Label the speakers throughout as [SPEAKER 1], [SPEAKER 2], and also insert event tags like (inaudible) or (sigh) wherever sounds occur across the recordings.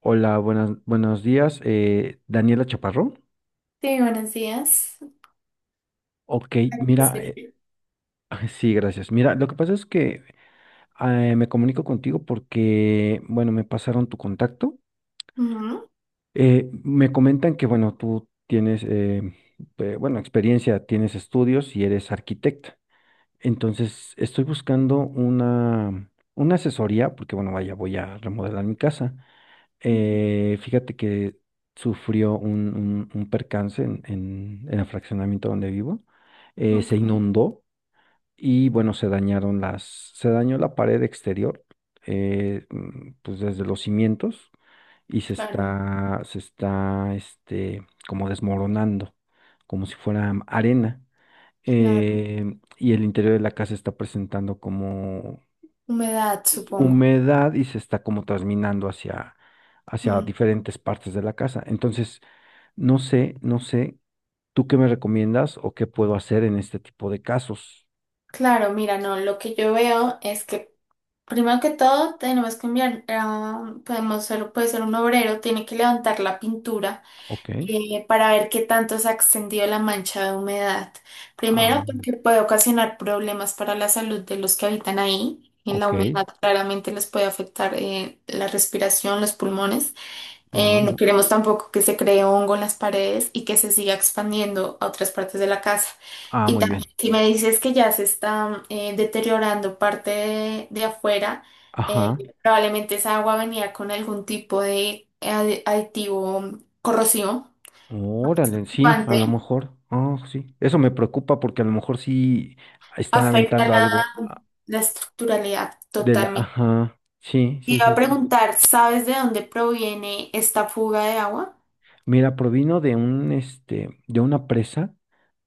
[SPEAKER 1] Hola, buenas, buenos días. Daniela Chaparro.
[SPEAKER 2] Sí, buenos días.
[SPEAKER 1] Ok, mira,
[SPEAKER 2] Sí.
[SPEAKER 1] (laughs) sí, gracias. Mira, lo que pasa es que me comunico contigo porque, bueno, me pasaron tu contacto.
[SPEAKER 2] Ujú,
[SPEAKER 1] Me comentan que, bueno, tú tienes, bueno, experiencia, tienes estudios y eres arquitecta. Entonces, estoy buscando una asesoría porque, bueno, vaya, voy a remodelar mi casa.
[SPEAKER 2] ujú,
[SPEAKER 1] Fíjate que sufrió un percance en el fraccionamiento donde vivo. Se
[SPEAKER 2] ok.
[SPEAKER 1] inundó y bueno, se dañó la pared exterior, pues desde los cimientos y se
[SPEAKER 2] Claro,
[SPEAKER 1] está, se está, este, como desmoronando, como si fuera arena.
[SPEAKER 2] claro.
[SPEAKER 1] Eh, y el interior de la casa está presentando como
[SPEAKER 2] Humedad,
[SPEAKER 1] pues,
[SPEAKER 2] supongo.
[SPEAKER 1] humedad y se está como trasminando hacia
[SPEAKER 2] Mm,
[SPEAKER 1] diferentes partes de la casa. Entonces, no sé, no sé, ¿tú qué me recomiendas o qué puedo hacer en este tipo de casos?
[SPEAKER 2] Claro, mira, no, lo que yo veo es que primero que todo tenemos que enviar, podemos puede ser un obrero, tiene que levantar la pintura
[SPEAKER 1] Ok,
[SPEAKER 2] para ver qué tanto se ha extendido la mancha de humedad.
[SPEAKER 1] ah,
[SPEAKER 2] Primero, porque puede ocasionar problemas para la salud de los que habitan ahí. Y la
[SPEAKER 1] ok.
[SPEAKER 2] humedad claramente les puede afectar, la respiración, los pulmones.
[SPEAKER 1] ah,
[SPEAKER 2] No
[SPEAKER 1] mu-
[SPEAKER 2] queremos tampoco que se cree hongo en las paredes y que se siga expandiendo a otras partes de la casa. Y
[SPEAKER 1] Muy
[SPEAKER 2] claro. También,
[SPEAKER 1] bien.
[SPEAKER 2] si me dices que ya se está, deteriorando parte de, afuera, eh,
[SPEAKER 1] Ajá,
[SPEAKER 2] probablemente esa agua venía con algún tipo de aditivo corrosivo, lo que es
[SPEAKER 1] órale, sí, a
[SPEAKER 2] preocupante,
[SPEAKER 1] lo mejor, sí, eso me preocupa porque a lo mejor sí están
[SPEAKER 2] afecta
[SPEAKER 1] aventando
[SPEAKER 2] la,
[SPEAKER 1] algo,
[SPEAKER 2] la estructuralidad
[SPEAKER 1] de la,
[SPEAKER 2] totalmente.
[SPEAKER 1] ajá, sí,
[SPEAKER 2] Te
[SPEAKER 1] sí,
[SPEAKER 2] iba a
[SPEAKER 1] sí, sí.
[SPEAKER 2] preguntar, ¿sabes de dónde proviene esta fuga de agua?
[SPEAKER 1] Mira, provino de una presa,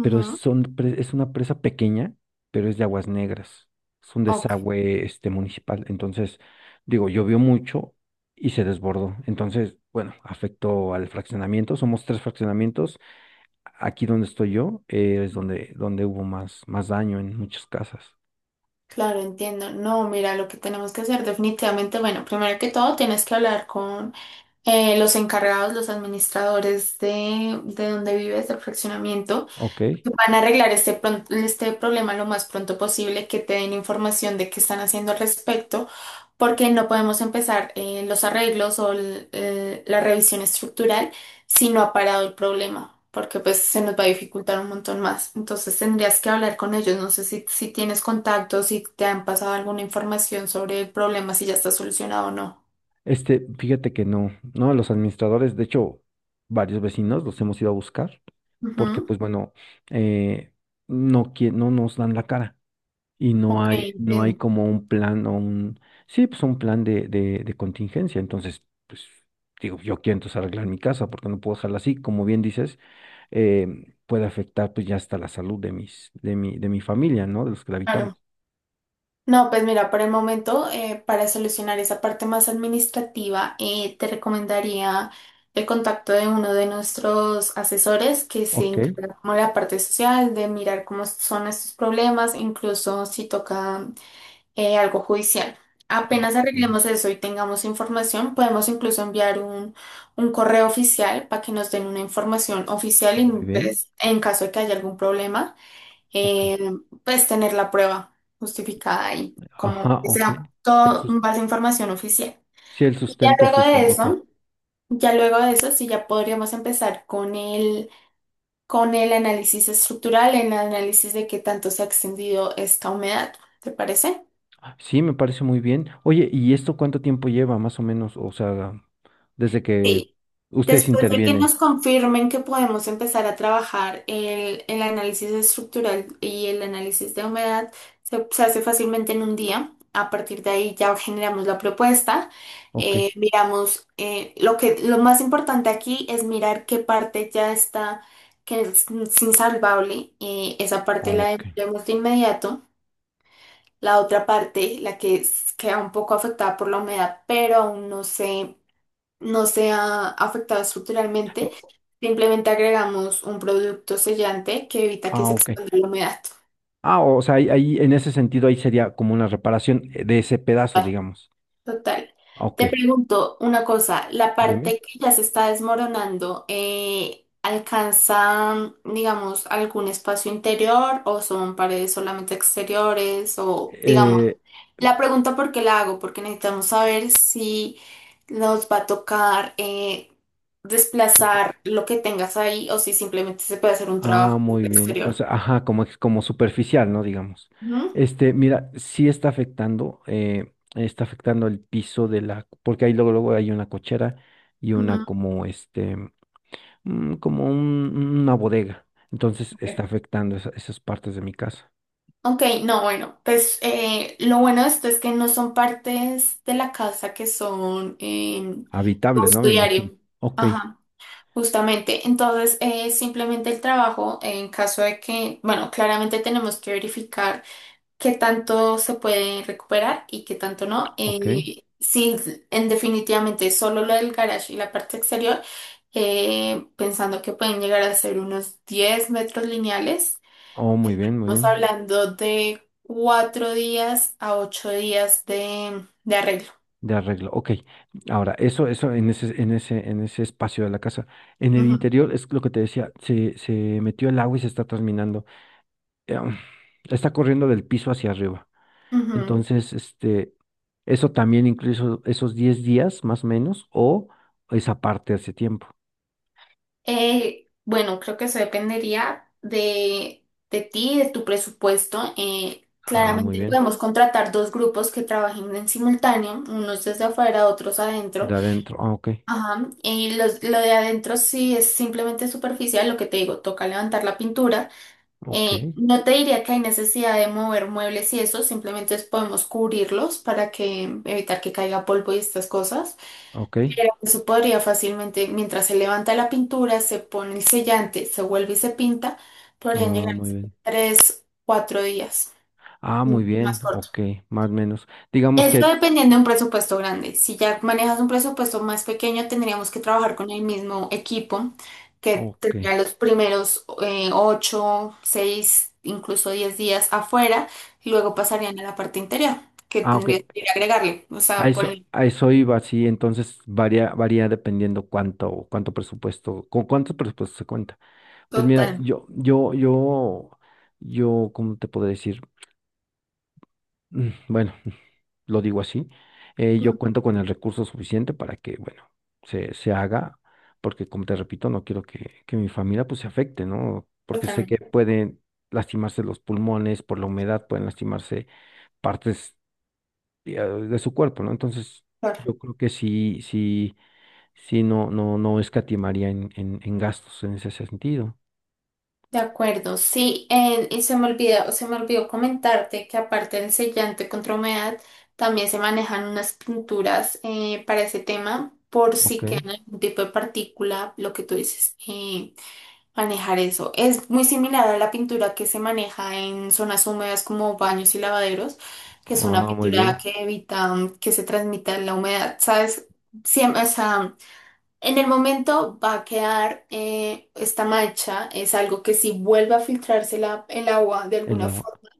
[SPEAKER 1] pero
[SPEAKER 2] Ujú.
[SPEAKER 1] es una presa pequeña, pero es de aguas negras. Es un
[SPEAKER 2] Ok.
[SPEAKER 1] desagüe municipal. Entonces, digo, llovió mucho y se desbordó. Entonces, bueno, afectó al fraccionamiento. Somos tres fraccionamientos. Aquí donde estoy yo, es donde hubo más daño en muchas casas.
[SPEAKER 2] Claro, entiendo. No, mira, lo que tenemos que hacer definitivamente, bueno, primero que todo tienes que hablar con, los encargados, los administradores de donde vives, del fraccionamiento.
[SPEAKER 1] Ok.
[SPEAKER 2] Van a arreglar este, este problema lo más pronto posible, que te den información de qué están haciendo al respecto, porque no podemos empezar, los arreglos o la revisión estructural si no ha parado el problema, porque pues se nos va a dificultar un montón más. Entonces tendrías que hablar con ellos, no sé si, si tienes contactos, si te han pasado alguna información sobre el problema, si ya está solucionado o no.
[SPEAKER 1] Fíjate que no, no, los administradores, de hecho, varios vecinos los hemos ido a buscar, porque
[SPEAKER 2] Ujú.
[SPEAKER 1] pues bueno, eh, no, no nos dan la cara. Y no
[SPEAKER 2] Ok,
[SPEAKER 1] hay, no hay
[SPEAKER 2] entiendo.
[SPEAKER 1] como un plan o un, sí, pues un plan de contingencia. Entonces, pues digo, yo quiero entonces arreglar mi casa porque no puedo dejarla así. Como bien dices, puede afectar pues ya hasta la salud de mi familia, ¿no? De los que la habitamos.
[SPEAKER 2] Claro. No, pues mira, por el momento, para solucionar esa parte más administrativa, te recomendaría el contacto de uno de nuestros asesores que se
[SPEAKER 1] Ok.
[SPEAKER 2] encarga como la parte social, de mirar cómo son estos problemas, incluso si toca, algo judicial. Apenas
[SPEAKER 1] Oh, muy
[SPEAKER 2] arreglemos eso y tengamos información, podemos incluso enviar un correo oficial para que nos den una información oficial y
[SPEAKER 1] muy bien.
[SPEAKER 2] pues, en caso de que haya algún problema,
[SPEAKER 1] Ok.
[SPEAKER 2] eh, pues tener la prueba justificada y como
[SPEAKER 1] Ajá,
[SPEAKER 2] que
[SPEAKER 1] ok.
[SPEAKER 2] sea
[SPEAKER 1] El
[SPEAKER 2] todo
[SPEAKER 1] sus-
[SPEAKER 2] en base a información oficial.
[SPEAKER 1] sí, el
[SPEAKER 2] Y ya
[SPEAKER 1] sustento
[SPEAKER 2] luego
[SPEAKER 1] oficial,
[SPEAKER 2] de
[SPEAKER 1] ok.
[SPEAKER 2] eso, sí ya podríamos empezar con con el análisis estructural, el análisis de qué tanto se ha extendido esta humedad, ¿te parece?
[SPEAKER 1] Sí, me parece muy bien. Oye, ¿y esto cuánto tiempo lleva más o menos? O sea, desde que ustedes
[SPEAKER 2] Después de que nos
[SPEAKER 1] intervienen.
[SPEAKER 2] confirmen que podemos empezar a trabajar el análisis estructural y el análisis de humedad, se hace fácilmente en un día. A partir de ahí ya generamos la propuesta.
[SPEAKER 1] Ok.
[SPEAKER 2] Miramos, lo que, lo más importante aquí es mirar qué parte ya está, que es insalvable. Esa parte la
[SPEAKER 1] Ok.
[SPEAKER 2] demolemos de inmediato. La otra parte, la que queda un poco afectada por la humedad, pero aún no sé, no sea afectada estructuralmente,
[SPEAKER 1] O-
[SPEAKER 2] simplemente agregamos un producto sellante que evita que se
[SPEAKER 1] Ok.
[SPEAKER 2] expanda la humedad.
[SPEAKER 1] O sea, ahí en ese sentido ahí sería como una reparación de ese pedazo, digamos.
[SPEAKER 2] Total.
[SPEAKER 1] Ok,
[SPEAKER 2] Te pregunto una cosa, la
[SPEAKER 1] dime.
[SPEAKER 2] parte que ya se está desmoronando, ¿alcanza, digamos, algún espacio interior o son paredes solamente exteriores? O, digamos,
[SPEAKER 1] Eh,
[SPEAKER 2] la pregunta por qué la hago, porque necesitamos saber si nos va a tocar,
[SPEAKER 1] ok.
[SPEAKER 2] desplazar lo que tengas ahí o si simplemente se puede hacer un trabajo
[SPEAKER 1] Muy bien. O
[SPEAKER 2] exterior.
[SPEAKER 1] sea, ajá, como superficial, ¿no? Digamos.
[SPEAKER 2] Ujú,
[SPEAKER 1] Mira, está afectando el piso de la, porque ahí luego hay una cochera y una como este, mm, como un- una bodega. Entonces
[SPEAKER 2] ujú.
[SPEAKER 1] está afectando esas partes de mi casa.
[SPEAKER 2] Ok, no, bueno, pues lo bueno de esto es que no son partes de la casa que son de
[SPEAKER 1] Habitables, ¿no?
[SPEAKER 2] uso
[SPEAKER 1] Me imagino.
[SPEAKER 2] diario.
[SPEAKER 1] Ok,
[SPEAKER 2] Ajá, justamente. Entonces, simplemente el trabajo, en caso de que, bueno, claramente tenemos que verificar qué tanto se puede recuperar y qué tanto no.
[SPEAKER 1] ok.
[SPEAKER 2] Sí, en definitivamente solo lo del garage y la parte exterior, pensando que pueden llegar a ser unos 10 metros lineales.
[SPEAKER 1] Oh, muy bien, muy
[SPEAKER 2] Estamos
[SPEAKER 1] bien.
[SPEAKER 2] hablando de 4 días a 8 días de arreglo.
[SPEAKER 1] De arreglo. Ok. Ahora, eso en ese espacio de la casa. En el
[SPEAKER 2] Ujú,
[SPEAKER 1] interior es lo que te decía, se metió el agua y se está terminando. eh, um, Está corriendo del piso hacia arriba.
[SPEAKER 2] ujú.
[SPEAKER 1] Entonces, eso también incluso esos 10 días más o menos, o esa parte hace tiempo.
[SPEAKER 2] Bueno, creo que eso dependería de ti, de tu presupuesto.
[SPEAKER 1] Muy
[SPEAKER 2] Claramente
[SPEAKER 1] bien.
[SPEAKER 2] podemos contratar dos grupos que trabajen en simultáneo, unos desde afuera, otros adentro.
[SPEAKER 1] De adentro. Ok.
[SPEAKER 2] Ajá. Y lo de adentro sí es simplemente superficial, lo que te digo, toca levantar la pintura.
[SPEAKER 1] Ok.
[SPEAKER 2] No te diría que hay necesidad de mover muebles y eso, simplemente podemos cubrirlos para que evitar que caiga polvo y estas cosas.
[SPEAKER 1] Ok.
[SPEAKER 2] Pero eso podría fácilmente, mientras se levanta la pintura, se pone el sellante, se vuelve y se pinta, podrían
[SPEAKER 1] Ah,
[SPEAKER 2] llegar a
[SPEAKER 1] Muy
[SPEAKER 2] ser
[SPEAKER 1] bien.
[SPEAKER 2] 3, 4 días, mucho
[SPEAKER 1] Muy
[SPEAKER 2] más
[SPEAKER 1] bien.
[SPEAKER 2] corto.
[SPEAKER 1] Ok. Más o menos. Digamos
[SPEAKER 2] Eso
[SPEAKER 1] que.
[SPEAKER 2] dependiendo de un presupuesto grande. Si ya manejas un presupuesto más pequeño, tendríamos que trabajar con el mismo equipo que
[SPEAKER 1] Ok.
[SPEAKER 2] tendría los primeros, ocho, seis, incluso 10 días afuera y luego pasarían a la parte interior, que
[SPEAKER 1] Ok.
[SPEAKER 2] tendrías que agregarle. O
[SPEAKER 1] A
[SPEAKER 2] sea, por
[SPEAKER 1] eso,
[SPEAKER 2] el
[SPEAKER 1] a eso iba, sí, entonces varía dependiendo cuánto presupuesto, con cuánto presupuesto se cuenta. Pues mira,
[SPEAKER 2] total.
[SPEAKER 1] ¿cómo te puedo decir? Bueno, lo digo así,
[SPEAKER 2] mm,
[SPEAKER 1] yo cuento con el recurso suficiente para que, bueno, se haga, porque como te repito, no quiero que mi familia pues se afecte, ¿no? Porque sé que
[SPEAKER 2] Totalmente.
[SPEAKER 1] pueden lastimarse los pulmones por la humedad, pueden lastimarse partes de su cuerpo, ¿no? Entonces, yo creo que sí, sí, sí, no, no, no escatimaría en gastos en ese sentido.
[SPEAKER 2] De acuerdo, sí, y se me olvidó, comentarte que aparte del sellante contra humedad, también se manejan unas pinturas, para ese tema, por
[SPEAKER 1] Ok.
[SPEAKER 2] si queda algún tipo de partícula, lo que tú dices, manejar eso. Es muy similar a la pintura que se maneja en zonas húmedas como baños y lavaderos, que es una
[SPEAKER 1] Muy
[SPEAKER 2] pintura
[SPEAKER 1] bien.
[SPEAKER 2] que evita que se transmita la humedad, ¿sabes? Siempre, en el momento va a quedar, esta mancha, es algo que si vuelve a filtrarse el agua de
[SPEAKER 1] El
[SPEAKER 2] alguna
[SPEAKER 1] agua.
[SPEAKER 2] forma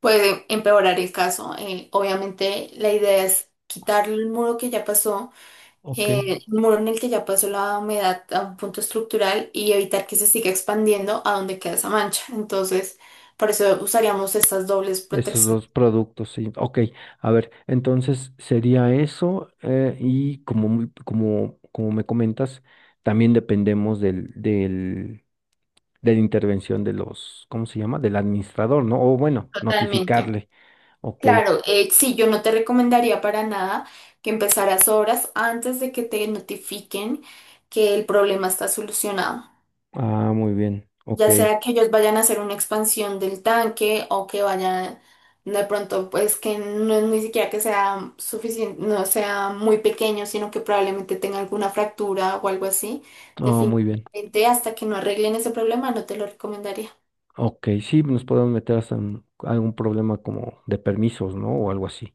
[SPEAKER 2] puede empeorar el caso. Obviamente la idea es quitar el muro que ya pasó,
[SPEAKER 1] Ok.
[SPEAKER 2] eh, el muro en el que ya pasó la humedad a un punto estructural y evitar que se siga expandiendo a donde queda esa mancha. Entonces, por eso usaríamos estas dobles
[SPEAKER 1] Esos
[SPEAKER 2] protecciones.
[SPEAKER 1] dos productos, sí. Ok. A ver, entonces sería eso. Y como me comentas, también dependemos de la intervención de los, ¿cómo se llama? Del administrador, ¿no? O bueno,
[SPEAKER 2] Totalmente.
[SPEAKER 1] notificarle. Ok.
[SPEAKER 2] Claro, sí, yo no te recomendaría para nada que empezaras obras antes de que te notifiquen que el problema está solucionado.
[SPEAKER 1] Muy bien. Ok.
[SPEAKER 2] Ya sea que ellos vayan a hacer una expansión del tanque o que vayan de pronto, pues que no es ni siquiera que sea suficiente, no sea muy pequeño, sino que probablemente tenga alguna fractura o algo así.
[SPEAKER 1] Oh, muy bien.
[SPEAKER 2] Definitivamente, hasta que no arreglen ese problema, no te lo recomendaría.
[SPEAKER 1] Ok, sí, nos podemos meter hasta en algún problema como de permisos, ¿no? O algo así.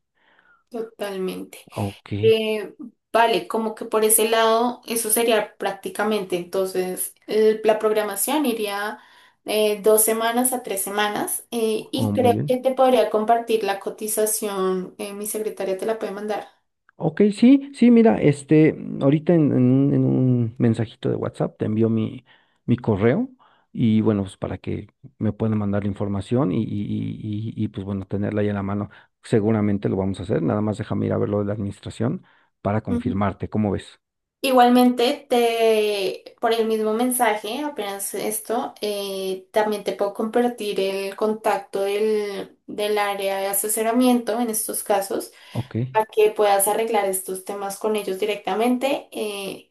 [SPEAKER 2] Totalmente.
[SPEAKER 1] Ok,
[SPEAKER 2] Eh, vale, como que por ese lado, eso sería prácticamente. Entonces, la programación iría, 2 semanas a 3 semanas,
[SPEAKER 1] oh,
[SPEAKER 2] y
[SPEAKER 1] muy
[SPEAKER 2] creo
[SPEAKER 1] bien.
[SPEAKER 2] que te podría compartir la cotización. Eh, mi secretaria te la puede mandar.
[SPEAKER 1] Ok, sí, sí, mira, ahorita en un mensajito de WhatsApp te envío mi correo y bueno, pues para que me puedan mandar la información pues bueno, tenerla ahí en la mano. Seguramente lo vamos a hacer, nada más déjame ir a ver lo de la administración para
[SPEAKER 2] Ujú.
[SPEAKER 1] confirmarte, ¿cómo ves?
[SPEAKER 2] Igualmente, por el mismo mensaje, apenas esto, también te puedo compartir el contacto del, del área de asesoramiento en estos casos
[SPEAKER 1] Ok,
[SPEAKER 2] para que puedas arreglar estos temas con ellos directamente,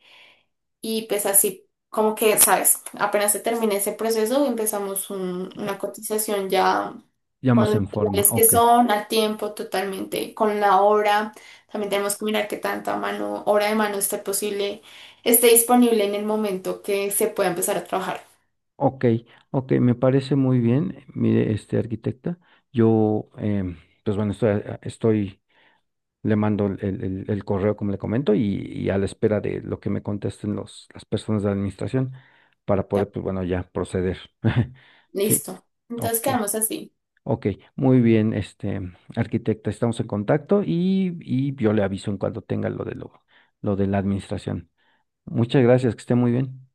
[SPEAKER 2] y pues así como que, sabes, apenas se termine ese proceso, empezamos una cotización ya
[SPEAKER 1] ya
[SPEAKER 2] con
[SPEAKER 1] más
[SPEAKER 2] los
[SPEAKER 1] en forma,
[SPEAKER 2] materiales que
[SPEAKER 1] ok.
[SPEAKER 2] son, a tiempo totalmente, con la hora. También tenemos que mirar qué tanta mano, hora de mano esté posible, esté disponible en el momento que se pueda empezar a trabajar.
[SPEAKER 1] Ok, ok, me parece muy bien. Mire, arquitecta, yo, em, pues bueno, estoy, le mando el correo, como le comento, y a la espera de lo que me contesten las personas de la administración para
[SPEAKER 2] Ya,
[SPEAKER 1] poder, pues bueno, ya proceder. (laughs) Sí,
[SPEAKER 2] listo. Entonces
[SPEAKER 1] ok,
[SPEAKER 2] quedamos así.
[SPEAKER 1] ok, muy bien, arquitecta, estamos en contacto y yo le aviso en cuanto tenga lo de la administración. Muchas gracias, que esté muy bien.